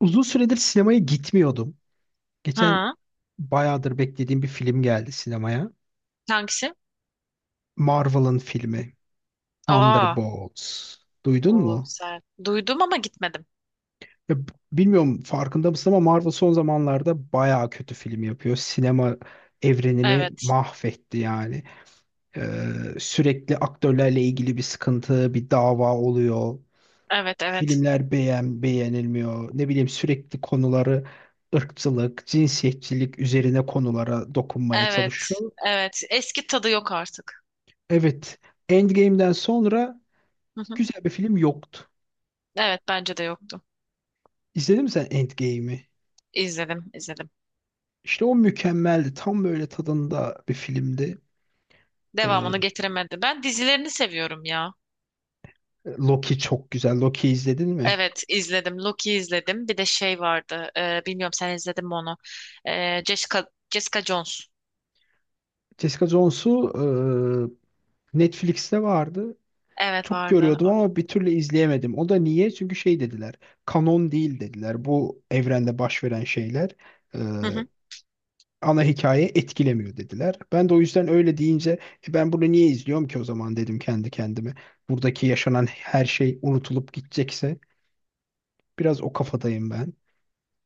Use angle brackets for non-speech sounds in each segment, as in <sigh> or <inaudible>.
Uzun süredir sinemaya gitmiyordum. Geçen Ha, bayağıdır beklediğim bir film geldi sinemaya. hangisi? Marvel'ın filmi Aa, Thunderbolts. Duydun o mu? güzel. Duydum ama gitmedim. Ya, bilmiyorum farkında mısın ama Marvel son zamanlarda bayağı kötü film yapıyor. Sinema evrenini Evet, mahvetti yani. Ee, Sürekli aktörlerle ilgili bir sıkıntı, bir dava oluyor. evet, evet, Filmler beğenilmiyor. Ne bileyim sürekli konuları ırkçılık, cinsiyetçilik üzerine konulara dokunmaya evet, çalışıyor. evet. Eski tadı yok artık. Evet, Endgame'den sonra Hı hı. güzel bir film yoktu. Evet, bence de yoktu. İzledin mi sen Endgame'i? İzledim. İşte o mükemmeldi. Tam böyle tadında bir filmdi. Ee, Devamını getiremedim. Ben dizilerini seviyorum ya. Loki çok güzel. Loki izledin mi? Evet, izledim. Loki izledim. Bir de şey vardı. Bilmiyorum sen izledin mi onu? Jessica Jones. Jessica Jones'u Netflix'te vardı. Evet Çok vardı. görüyordum O ama bir türlü izleyemedim. O da niye? Çünkü şey dediler. Kanon değil dediler. Bu evrende baş veren şeyler e, da. ana hikaye etkilemiyor dediler. Ben de o yüzden öyle deyince "E, ben bunu niye izliyorum ki o zaman dedim kendi kendime. Buradaki yaşanan her şey unutulup gidecekse biraz o kafadayım ben.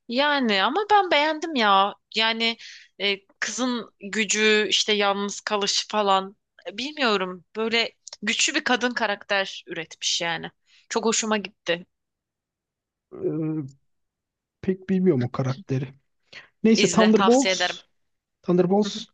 Yani ama ben beğendim ya. Kızın gücü, işte yalnız kalışı falan. Bilmiyorum. Böyle güçlü bir kadın karakter üretmiş yani. Çok hoşuma gitti. Ee, Pek bilmiyorum o karakteri. Neyse İzle, tavsiye ederim. Thunderbolts, Hı hı, Thunderbolts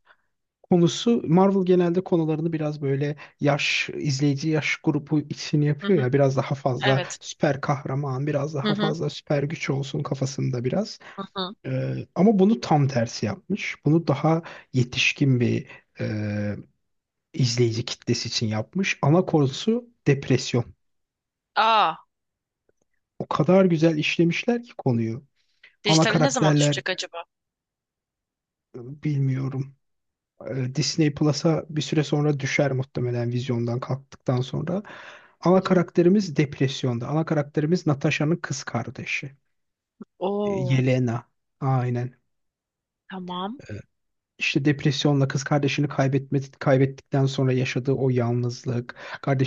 konusu Marvel genelde konularını biraz böyle yaş izleyici yaş grubu için hı yapıyor hı. ya biraz daha fazla Evet. süper kahraman, biraz Hı daha hı, fazla süper güç olsun kafasında biraz. hı hı. Ama bunu tam tersi yapmış. Bunu daha yetişkin bir e, izleyici kitlesi için yapmış. Ana konusu depresyon. Aa, O kadar güzel işlemişler ki konuyu. Ana dijitali ne zaman karakterler düşecek acaba? Bilmiyorum. Disney Plus'a bir süre sonra düşer muhtemelen vizyondan kalktıktan sonra. Hı Ana hı. karakterimiz depresyonda. Ana karakterimiz Natasha'nın kız kardeşi. E, Oo, Yelena. Aynen. tamam. E, İşte depresyonla kız kardeşini kaybetme, kaybettikten sonra yaşadığı o yalnızlık.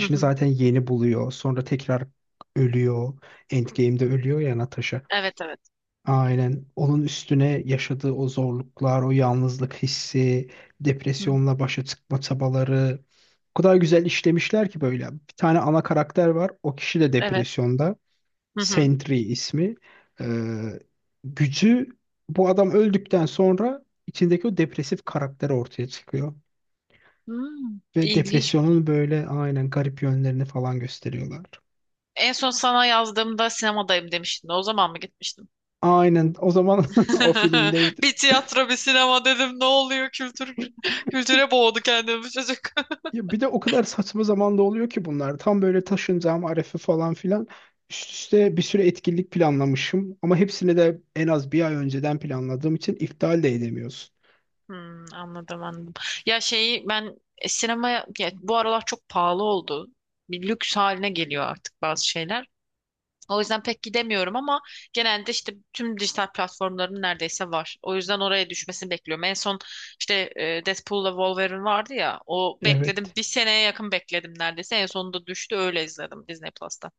Hı hı. zaten yeni buluyor. Sonra tekrar ölüyor. Endgame'de ölüyor ya Natasha. Evet, evet. Aynen. Onun üstüne yaşadığı o zorluklar, o yalnızlık hissi, Hı, depresyonla başa çıkma çabaları o kadar güzel işlemişler ki böyle. Bir tane ana karakter var. O kişi de evet. depresyonda. Hı hı. Sentry ismi. Ee, Gücü bu adam öldükten sonra içindeki o depresif karakter ortaya çıkıyor. Hmm, Ve ilginç. depresyonun böyle aynen garip yönlerini falan gösteriyorlar. En son sana yazdığımda sinemadayım demiştin. O zaman mı gitmiştin? Aynen o zaman <laughs> o <laughs> filmdeydi. Bir tiyatro, bir sinema dedim. Ne oluyor? Kültür <laughs> kültüre boğdu kendini bu çocuk. <laughs> Ya bir de o kadar saçma zamanda oluyor ki bunlar. Tam böyle taşınacağım arefe falan filan. Üst üste bir sürü etkinlik planlamışım. Ama hepsini de en az bir ay önceden planladığım için iptal de edemiyorsun. Hmm, anladım. Sinemaya ya bu aralar çok pahalı oldu. Bir lüks haline geliyor artık bazı şeyler. O yüzden pek gidemiyorum ama genelde işte tüm dijital platformların neredeyse var. O yüzden oraya düşmesini bekliyorum. En son Deadpool'la Wolverine vardı ya. O bekledim. Evet. Bir seneye yakın bekledim neredeyse. En sonunda düştü. Öyle izledim Disney Plus'ta.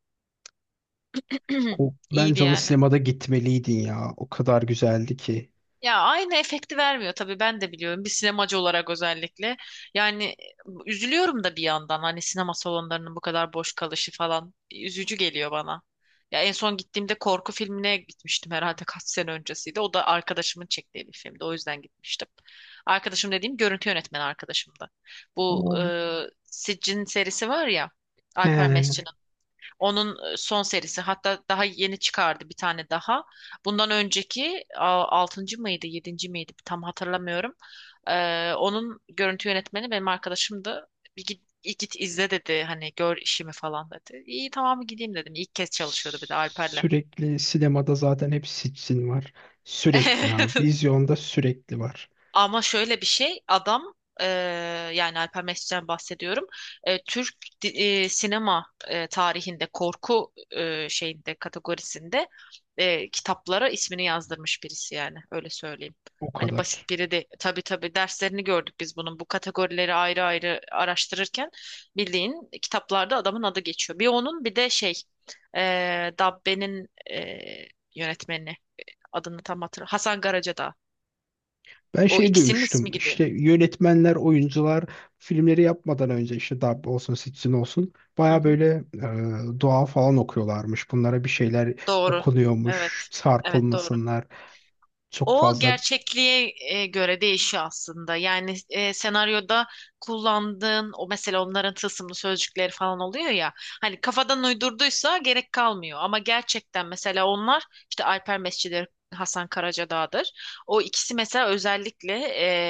O, <clears throat> İyiydi bence ona yani. sinemada gitmeliydin ya. O kadar güzeldi ki. Ya aynı efekti vermiyor tabii ben de biliyorum bir sinemacı olarak özellikle. Yani üzülüyorum da bir yandan hani sinema salonlarının bu kadar boş kalışı falan üzücü geliyor bana. Ya en son gittiğimde korku filmine gitmiştim herhalde kaç sene öncesiydi. O da arkadaşımın çektiği bir filmdi. O yüzden gitmiştim. Arkadaşım dediğim görüntü yönetmeni arkadaşımdı. Bu e, Aa. Siccin serisi var ya, Alper He. onun son serisi, hatta daha yeni çıkardı bir tane daha. Bundan önceki altıncı mıydı yedinci miydi tam hatırlamıyorum. Onun görüntü yönetmeni benim arkadaşımdı. Bir git izle dedi, hani gör işimi falan dedi. İyi tamam gideyim dedim. İlk kez çalışıyordu bir de Alper'le. Sürekli sinemada zaten hep sitsin var. Sürekli ha. <laughs> Vizyonda sürekli var. Ama şöyle bir şey adam e, yani Alper Mesut'tan bahsediyorum. Türk sinema tarihinde korku şeyinde kategorisinde kitaplara ismini yazdırmış birisi yani öyle söyleyeyim. O Hani kadar. basit biri de, tabii derslerini gördük biz bunun, bu kategorileri ayrı ayrı araştırırken bildiğin kitaplarda adamın adı geçiyor. Bir onun bir de e, Dabbe'nin yönetmeni, adını tam hatırlamıyorum. Hasan Karacadağ. Ben O şey ikisinin ismi duymuştum. gidiyor. İşte yönetmenler, oyuncular filmleri yapmadan önce işte dub olsun, sitsin olsun. Hı Baya hı. böyle dua falan okuyorlarmış. Bunlara bir şeyler Doğru. okunuyormuş. Evet. Evet doğru. Çarpılmasınlar. Çok O fazla. gerçekliğe göre değişiyor aslında. Senaryoda kullandığın, o mesela onların tılsımlı sözcükleri falan oluyor ya. Hani kafadan uydurduysa gerek kalmıyor. Ama gerçekten mesela onlar işte Alper Mescididir, Hasan Karacadağ'dır. O ikisi mesela özellikle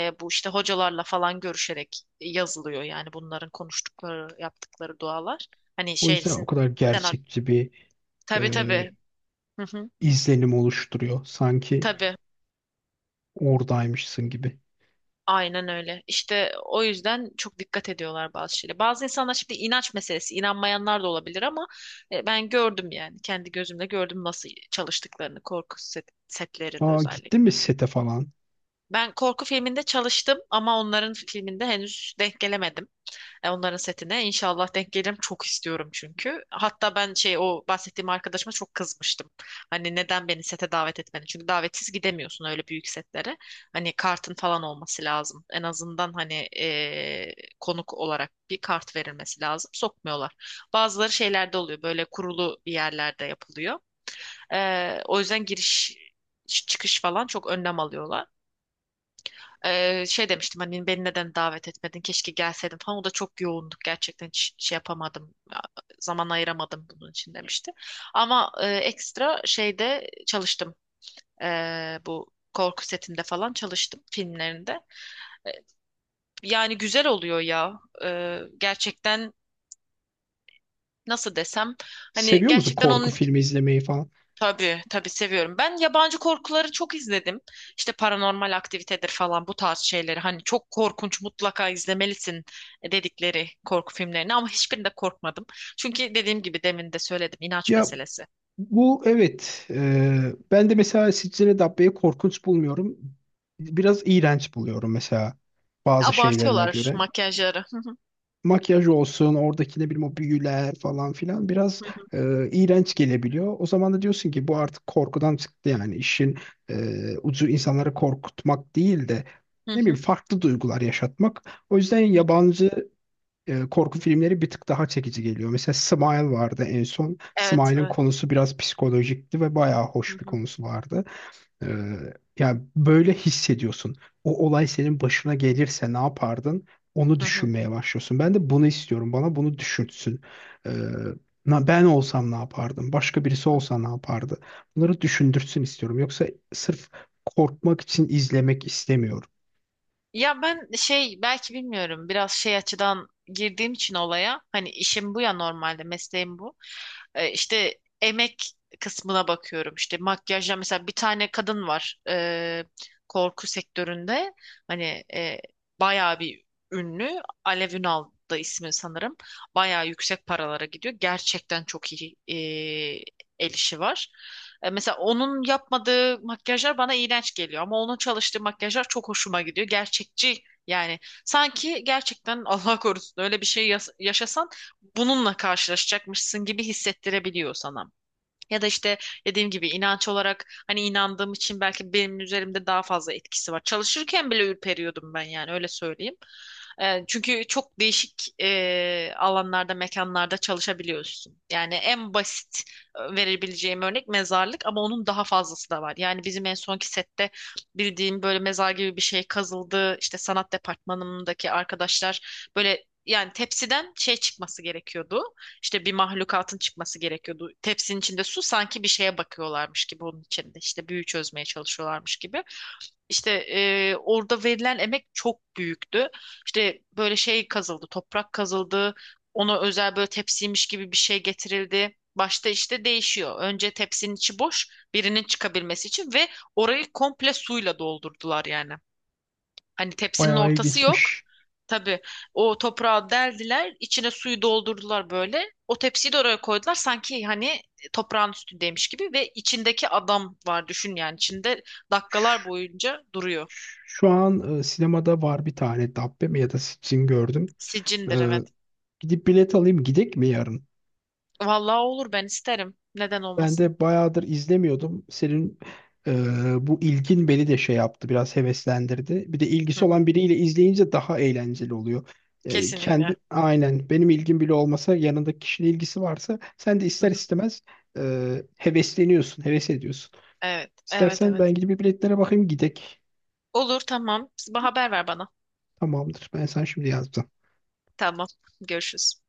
bu işte hocalarla falan görüşerek yazılıyor. Yani bunların konuştukları, yaptıkları dualar. Hani O yüzden o şeysin kadar senaryo. gerçekçi bir Tabii e, tabii. Hı hı. izlenim oluşturuyor. Sanki Tabii. oradaymışsın gibi. Aynen öyle. İşte o yüzden çok dikkat ediyorlar bazı şeylere. Bazı insanlar şimdi inanç meselesi, inanmayanlar da olabilir ama ben gördüm yani kendi gözümle gördüm nasıl çalıştıklarını korku setlerinde Aa, gittin mi özellikle. sete falan? Ben korku filminde çalıştım ama onların filminde henüz denk gelemedim. Onların setine inşallah denk gelirim. Çok istiyorum çünkü. Hatta ben şey, o bahsettiğim arkadaşıma çok kızmıştım. Hani neden beni sete davet etmedi? Çünkü davetsiz gidemiyorsun öyle büyük setlere. Hani kartın falan olması lazım. En azından hani konuk olarak bir kart verilmesi lazım. Sokmuyorlar. Bazıları şeylerde oluyor. Böyle kurulu bir yerlerde yapılıyor. O yüzden giriş çıkış falan çok önlem alıyorlar. Şey demiştim hani beni neden davet etmedin keşke gelseydim falan, o da çok yoğunduk gerçekten hiç şey yapamadım, zaman ayıramadım bunun için demişti ama ekstra şeyde çalıştım. Bu korku setinde falan çalıştım filmlerinde. Ee, Yani güzel oluyor ya. Gerçekten nasıl desem, hani Seviyor musun gerçekten korku onun. filmi izlemeyi falan? Tabii seviyorum. Ben yabancı korkuları çok izledim. İşte paranormal aktivitedir falan bu tarz şeyleri. Hani çok korkunç mutlaka izlemelisin dedikleri korku filmlerini, ama hiçbirinde korkmadım. Çünkü dediğim gibi, demin de söyledim, inanç Ya meselesi. bu evet. Ben de mesela Siccine Dabbe'yi korkunç bulmuyorum. Biraz iğrenç buluyorum mesela bazı şeylerine Abartıyorlar göre. makyajları. Hı, Makyaj olsun, oradaki ne bileyim o büyüler falan filan biraz hı hı, iğrenç gelebiliyor. O zaman da diyorsun ki bu artık korkudan çıktı yani işin ucu insanları korkutmak değil de hı ne bileyim hı, farklı duygular yaşatmak. O yüzden hı. yabancı korku filmleri bir tık daha çekici geliyor. Mesela Smile vardı en son. Evet, Smile'ın evet. konusu biraz psikolojikti ve bayağı hoş Hı bir hı, konusu vardı. E, Yani böyle hissediyorsun. O olay senin başına gelirse ne yapardın? Onu hı hı. düşünmeye başlıyorsun. Ben de bunu istiyorum. Bana bunu düşünsün. E, Ben olsam ne yapardım? Başka birisi olsa ne yapardı? Bunları düşündürsün istiyorum. Yoksa sırf korkmak için izlemek istemiyorum. Ya ben şey, belki bilmiyorum, biraz şey açıdan girdiğim için olaya, hani işim bu ya, normalde mesleğim bu. İşte emek kısmına bakıyorum, işte makyajla mesela bir tane kadın var korku sektöründe, hani bayağı bir ünlü, Alev Ünal da ismi sanırım, bayağı yüksek paralara gidiyor, gerçekten çok iyi el işi var. Mesela onun yapmadığı makyajlar bana iğrenç geliyor ama onun çalıştığı makyajlar çok hoşuma gidiyor. Gerçekçi yani, sanki gerçekten <laughs> Allah korusun öyle bir şey yaşasan bununla karşılaşacakmışsın gibi hissettirebiliyor sana. Ya da işte dediğim gibi inanç olarak, hani inandığım için belki benim üzerimde daha fazla etkisi var. Çalışırken bile ürperiyordum ben, yani öyle söyleyeyim. Çünkü çok değişik alanlarda, mekanlarda çalışabiliyorsun. Yani en basit verebileceğim örnek mezarlık, ama onun daha fazlası da var. Yani bizim en sonki sette bildiğim böyle mezar gibi bir şey kazıldı. İşte sanat departmanımdaki arkadaşlar, böyle yani tepsiden şey çıkması gerekiyordu. İşte bir mahlukatın çıkması gerekiyordu. Tepsinin içinde su, sanki bir şeye bakıyorlarmış gibi onun içinde. İşte büyü çözmeye çalışıyorlarmış gibi. Orada verilen emek çok büyüktü. İşte böyle şey kazıldı, toprak kazıldı. Ona özel böyle tepsiymiş gibi bir şey getirildi. Başta işte değişiyor. Önce tepsinin içi boş, birinin çıkabilmesi için, ve orayı komple suyla doldurdular yani. Hani tepsinin Bayağı ortası yok. ilginçmiş. Tabii o toprağı deldiler, içine suyu doldurdular böyle. O tepsiyi de oraya koydular sanki hani toprağın üstündeymiş gibi, ve içindeki adam var düşün, yani içinde dakikalar boyunca duruyor. Şu an sinemada var bir tane Dabbe mi ya da Sitchin gördüm. E, Sicindir evet. Gidip bilet alayım gidek mi yarın? Vallahi olur, ben isterim. Neden Ben olmasın? de bayağıdır izlemiyordum. Senin e, bu ilgin beni de şey yaptı biraz heveslendirdi. Bir de Hı ilgisi hı. olan biriyle izleyince daha eğlenceli oluyor. E, kendi Kesinlikle. aynen benim ilgim bile olmasa yanındaki kişinin ilgisi varsa sen de Hı ister hı. istemez hevesleniyorsun, heves ediyorsun. Evet, evet, İstersen evet. ben gidip bir biletlere bakayım gidek. Olur tamam. Haber ver bana. Tamamdır. Ben sana şimdi yazdım. Tamam. Görüşürüz.